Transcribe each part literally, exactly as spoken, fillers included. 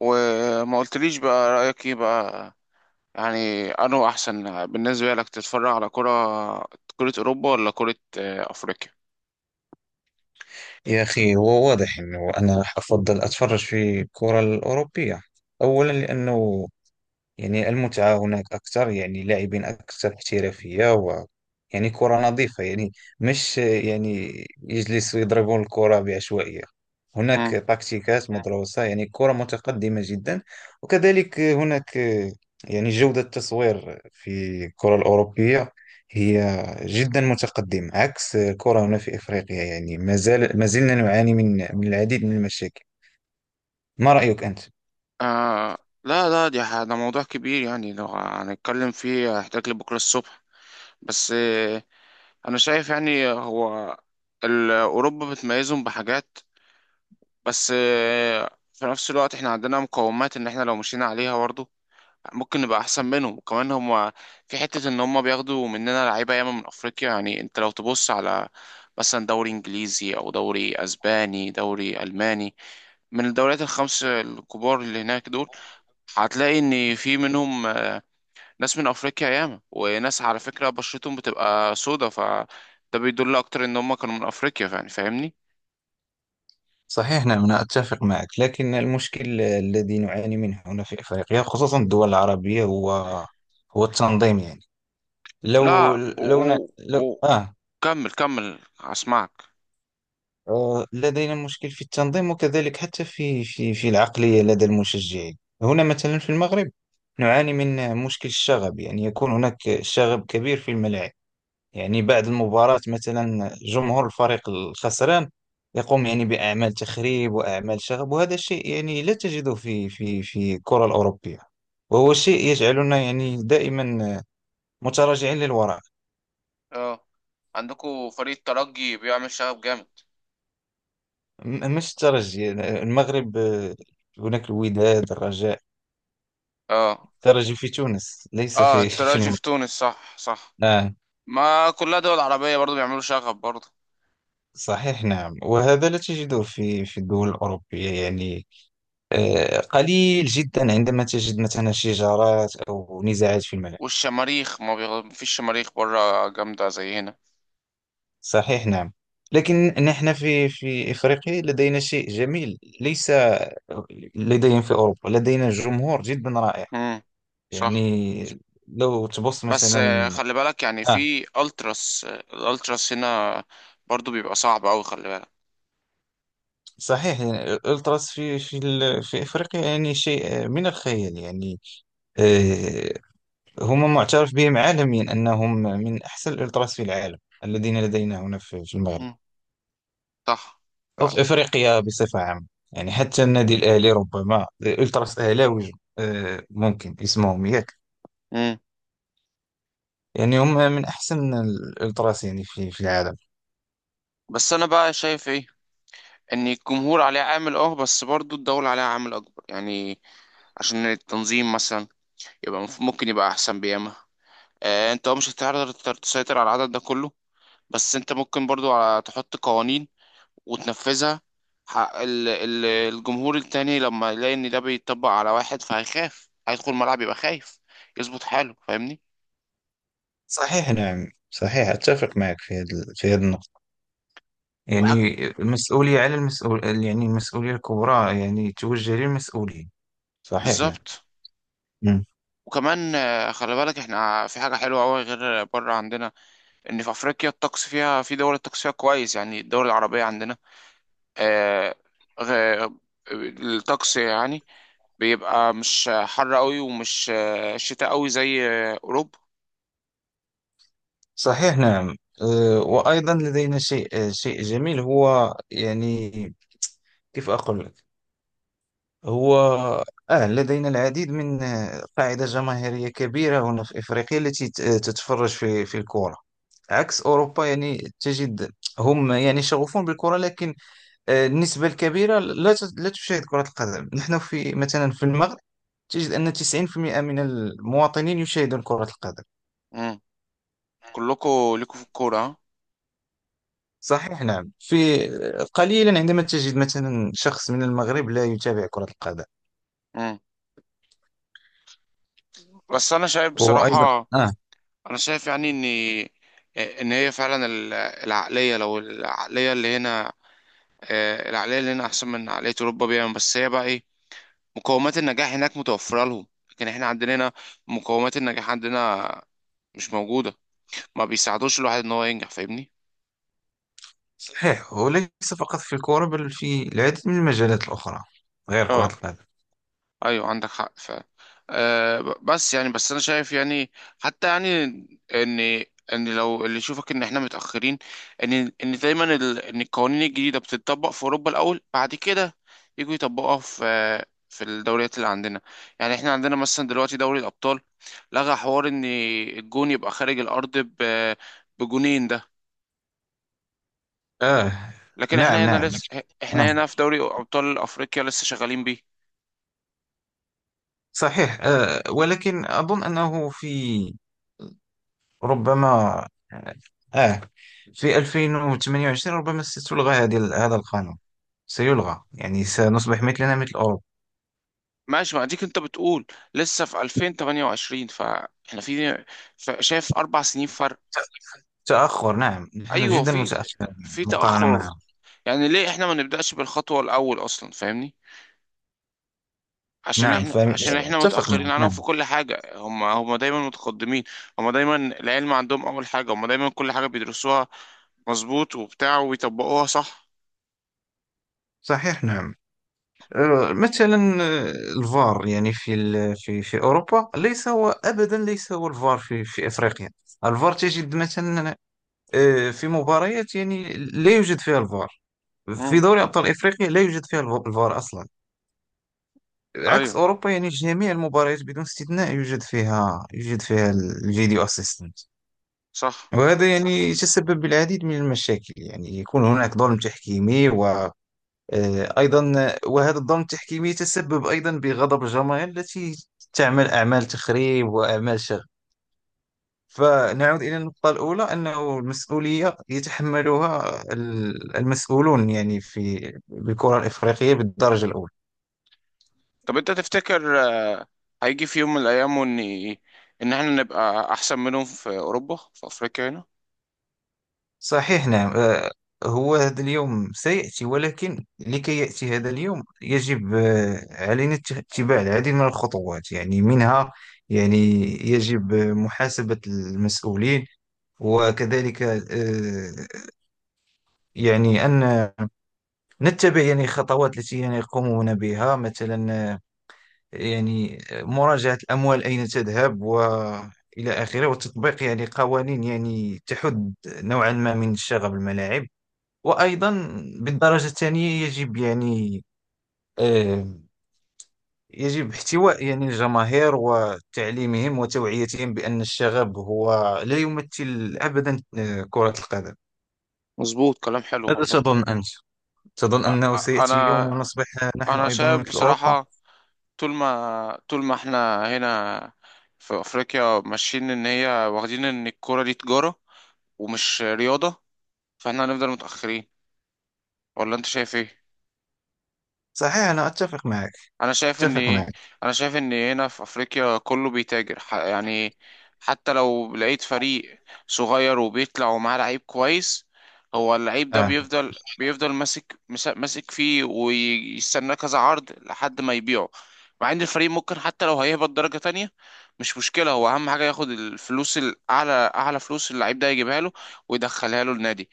وما قلتليش بقى، رأيك ايه بقى؟ يعني انه احسن بالنسبة لك تتفرج على كرة كرة اوروبا ولا كرة آه، افريقيا؟ يا أخي هو واضح أنه أنا أفضل أتفرج في الكرة الأوروبية. أولا لأنه يعني المتعة هناك أكثر، يعني لاعبين أكثر احترافية و يعني كرة نظيفة، يعني مش يعني يجلسوا يضربون الكرة بعشوائية. هناك مم. تكتيكات مدروسة، يعني كرة متقدمة جدا. وكذلك هناك يعني جودة التصوير في الكرة الأوروبية هي جدا متقدمة، عكس الكرة هنا في إفريقيا. يعني ما زال ما زلنا نعاني من من العديد من المشاكل. ما رأيك أنت؟ آه، لا لا، دي ح- ده موضوع كبير، يعني لو هنتكلم فيه هيحتاج لبكرة الصبح. بس آه انا شايف يعني هو ال- اوروبا بتميزهم بحاجات، بس آه في نفس الوقت احنا عندنا مقومات ان احنا لو مشينا عليها برضه ممكن نبقى احسن منهم. وكمان هم في حتة ان هم بياخدوا مننا لعيبة ياما من افريقيا، يعني انت لو تبص على مثلا دوري انجليزي او دوري اسباني دوري الماني، من الدوريات الخمس الكبار اللي هناك دول، هتلاقي ان في منهم آه، ناس من افريقيا ياما، وناس على فكرة بشرتهم بتبقى سودا، فده بيدل اكتر ان هم كانوا من افريقيا، يعني فاهمني. صحيح، نعم أنا أتفق معك، لكن المشكل الذي نعاني منه هنا في أفريقيا خصوصا الدول العربية هو هو التنظيم. يعني لو لا، و... لو, ن... و... لو... و... آه. كمل كمل هسمعك. آه، لدينا مشكل في التنظيم، وكذلك حتى في في في العقلية لدى المشجعين. هنا مثلا في المغرب نعاني من مشكل الشغب، يعني يكون هناك شغب كبير في الملاعب. يعني بعد المباراة مثلا جمهور الفريق الخسران يقوم يعني بأعمال تخريب وأعمال شغب، وهذا شيء يعني لا تجده في في في الكرة الأوروبية، وهو شيء يجعلنا يعني دائما متراجعين للوراء. اه، عندكوا فريق ترجي بيعمل شغب جامد. م- مش الترجي، المغرب آه، هناك الوداد، الرجاء. اه. الترجي في تونس ليس اه، في في التراجي المغرب. في تونس، صح صح. آه. ما كلها دول عربية برضو بيعملوا شغب برضو. صحيح، نعم، وهذا لا تجده في في الدول الأوروبية. يعني آه، قليل جدا عندما تجد مثلا شجارات أو نزاعات في الملعب. والشماريخ ما بيغ... مفيش شماريخ بره جامدة زي هنا. صحيح، نعم، لكن نحن في في إفريقيا لدينا شيء جميل ليس لدينا في أوروبا. لدينا جمهور جدا رائع، امم، صح. يعني لو تبص بس آه، مثلا. خلي بالك، يعني آه، في التراس، آه، الالتراس هنا برضو بيبقى صعب أوي، خلي بالك. صحيح، يعني الألتراس في في ال- في إفريقيا يعني شيء من الخيال. يعني آه، هم معترف بهم عالميا أنهم من أحسن الألتراس في العالم، الذين لدينا هنا في في المغرب امم، صح، أو فعلا. في أفريقيا بصفة عامة. يعني حتى النادي الأهلي ربما الألتراس أهلاوي، آه، ممكن اسمهم، ياك؟ امم. يعني هم من أحسن الألتراس يعني في في العالم. بس انا بقى شايف ايه، ان الجمهور عليه عامل اه بس برضو الدولة عليها عامل اكبر، يعني عشان التنظيم مثلا يبقى مف- ممكن يبقى احسن بياما. آه انت مش هتقدر تسيطر على العدد ده كله، بس انت ممكن برضو ع- تحط قوانين وتنفذها. حق ال- ال- الجمهور التاني لما يلاقي ان ده بيطبق على واحد فهيخاف، هيدخل الملعب يبقى خايف، يظبط حاله، فاهمني. صحيح، نعم، صحيح، أتفق معك في هذا، في هذه النقطة. وحاجة يعني المسؤولية على المسؤول، يعني المسؤولية الكبرى يعني توجه للمسؤولين. صحيح، نعم. بالظبط. مم. وكمان آه، خلي بالك احنا في حاجة حلوة أوي غير بره عندنا، ان في افريقيا الطقس فيها، في دول الطقس فيها كويس، يعني الدول العربية عندنا، آه، غ- الطقس يعني بيبقى مش حر قوي ومش آه، شتاء قوي زي آه، اوروبا. صحيح، نعم، آه، وأيضا لدينا شيء آه، شيء جميل هو يعني كيف أقول لك. هو آه لدينا العديد من آه، قاعدة جماهيرية كبيرة هنا في إفريقيا التي ت- آه، تتفرج في في الكرة، عكس أوروبا. يعني تجد هم يعني شغوفون بالكرة، لكن آه، النسبة الكبيرة لا ت- لا تشاهد كرة القدم. نحن في مثلا في المغرب تجد أن تسعين في المية من المواطنين يشاهدون كرة القدم. كلكم ليكوا في الكورة، ها؟ صحيح، نعم، في آه، قليلا عندما تجد مثلا شخص من المغرب لا يتابع كرة القدم. مم. بس أنا شايف وأيضا بصراحة، آه. أنا شايف يعني إن إن هي فعلا ال- العقلية، لو العقلية اللي هنا، آه، العقلية اللي هنا أحسن من عقلية أوروبا بيها، بس هي بقى إيه، مقومات النجاح هناك متوفرة لهم، لكن إحنا عندنا هنا مقومات النجاح عندنا مش موجودة، ما بيساعدوش الواحد إن هو ينجح، فاهمني؟ صحيح، وليس فقط في الكرة بل في العديد من المجالات الأخرى غير كرة اه، القدم. ايوه عندك حق فعلا. أه ب- بس يعني، بس انا شايف يعني، حتى يعني ان، ان لو اللي يشوفك ان احنا متاخرين، ان ان دايما ال... ان القوانين الجديده بتطبق في اوروبا الاول، بعد كده يجوا يطبقوها في في الدوريات اللي عندنا. يعني احنا عندنا مثلا دلوقتي دوري الابطال لغى حوار ان الجون يبقى خارج الارض ب... بجونين ده، آه. لكن احنا نعم، هنا نعم. لسه، آه، احنا هنا في دوري ابطال افريقيا لسه شغالين بيه. صحيح، آه ولكن أظن أنه في ربما آه آه، في ألفين وثمانية وعشرين ربما ستلغى هذه هذا القانون، سيلغى يعني سنصبح مثلنا مثل أوروبا. ماشي، ما اديك انت بتقول لسه في ألفين وثمانية وعشرين، فاحنا في ف- شايف اربع سنين فرق. تأخر، نعم، نحن ايوه، جدا في متأخرين في مقارنة تاخر. معهم. يعني ليه احنا ما نبداش بالخطوه الاول اصلا، فاهمني؟ عشان نعم، احنا، عشان احنا فأتفق متاخرين معك، عنهم نعم. في كل حاجه، هم هم دايما متقدمين. هم دايما العلم عندهم اول حاجه، هم دايما كل حاجه بيدرسوها مظبوط وبتاع وبيطبقوها، صح. صحيح، نعم، آه، مثلا آه، الفار يعني في ال- في في اوروبا ليس هو، ابدا ليس هو الفار في في افريقيا. الفار تجد مثلا آه، في مباريات يعني لا يوجد فيها الفار. في امم، دوري ابطال افريقيا لا يوجد فيها الف- الفار اصلا، عكس ايوه اوروبا. يعني جميع المباريات بدون استثناء يوجد فيها، يوجد فيها الفيديو اسيستنت. صح. وهذا يعني يتسبب بالعديد من المشاكل، يعني يكون هناك ظلم تحكيمي و آه، أيضا، وهذا الظلم التحكيمي يتسبب أيضا بغضب الجماهير التي تعمل أعمال تخريب وأعمال شغب. فنعود إلى النقطة الأولى، أنه المسؤولية يتحملها ال- المسؤولون يعني في بالكرة الإفريقية بالدرجة الأولى. طب انت تفتكر آه، هيجي في يوم من الايام ان، ان احنا نبقى احسن منهم في اوروبا، في افريقيا هنا؟ صحيح، نعم، آه، هو هذا اليوم سيأتي، ولكن لكي يأتي هذا اليوم يجب آه، علينا ات- اتباع العديد من الخطوات. يعني منها يعني يجب محاسبة المسؤولين، وكذلك آه، يعني أن نتبع يعني خطوات التي يعني يقومون بها مثلا، آه، يعني آه، مراجعة الأموال أين تذهب وإلى آخره، وتطبيق يعني قوانين يعني تحد نوعا ما من شغب الملاعب. وأيضا بالدرجة الثانية يجب يعني آه، يجب احتواء يعني الجماهير وتعليمهم وتوعيتهم بأن الشغب هو لا يمثل أبدا آه، كرة القدم. مظبوط، كلام حلو ماذا والله. تظن أنت؟ تظن أ- أنه أ- سيأتي يوم انا ونصبح نحن انا أيضا شايف مثل أوروبا؟ بصراحة، طول ما طول ما احنا هنا في افريقيا ماشيين ان هي، واخدين ان الكرة دي تجارة ومش رياضة، فاحنا هنفضل متأخرين. ولا انت شايف ايه؟ صحيح، أنا أتفق معك، انا شايف ان أتفق معك. انا شايف ان هنا في افريقيا كله بيتاجر، ح- يعني حتى لو لقيت فريق صغير وبيطلع ومعاه لعيب كويس، هو اللعيب ده آه. بيفضل بيفضل ماسك، مس- ماسك فيه ويستناه كذا عرض لحد ما يبيعه. مع ان الفريق ممكن حتى لو هيهبط درجة تانية مش مشكلة، هو اهم حاجة ياخد الفلوس الاعلى، اعلى فلوس اللعيب ده يجيبها له ويدخلها له النادي.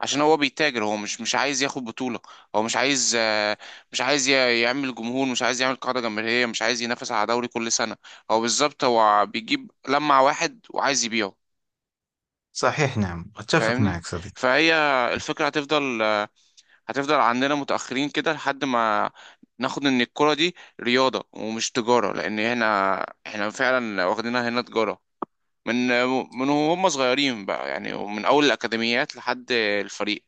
عشان هو بيتاجر، هو مش مش عايز ياخد بطولة، هو مش عايز، آه، مش عايز ي- يعمل جمهور، مش عايز يعمل قاعدة جماهيرية، مش عايز ينافس على دوري كل سنة. هو بالظبط هو بيجيب لمع واحد وعايز يبيعه، صحيح، نعم، أتفق فاهمني. معك صديقي. فهي الفكرة هتفضل، آه، هتفضل عندنا متأخرين كده لحد ما ناخد ان الكرة دي رياضة ومش تجارة، لان هنا احنا فعلا واخدينها هنا تجارة، من، من هم صغيرين بقى يعني، ومن اول الاكاديميات لحد الفريق.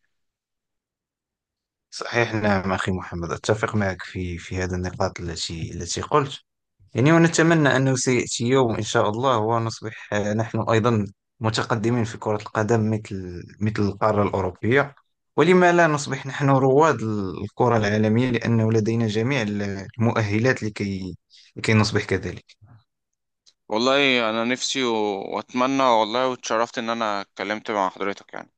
صحيح، نعم أخي محمد، أتفق معك في في هذه النقاط التي التي قلت. يعني ونتمنى أنه سيأتي يوم إن شاء الله ونصبح آه، نحن أيضا متقدمين في كرة القدم مثل مثل القارة الأوروبية. ولما لا نصبح نحن رواد الكرة العالمية، لأنه لدينا جميع المؤهلات لكي لكي نصبح كذلك. والله انا نفسي و- واتمنى والله، واتشرفت ان انا اتكلمت مع حضرتك يعني.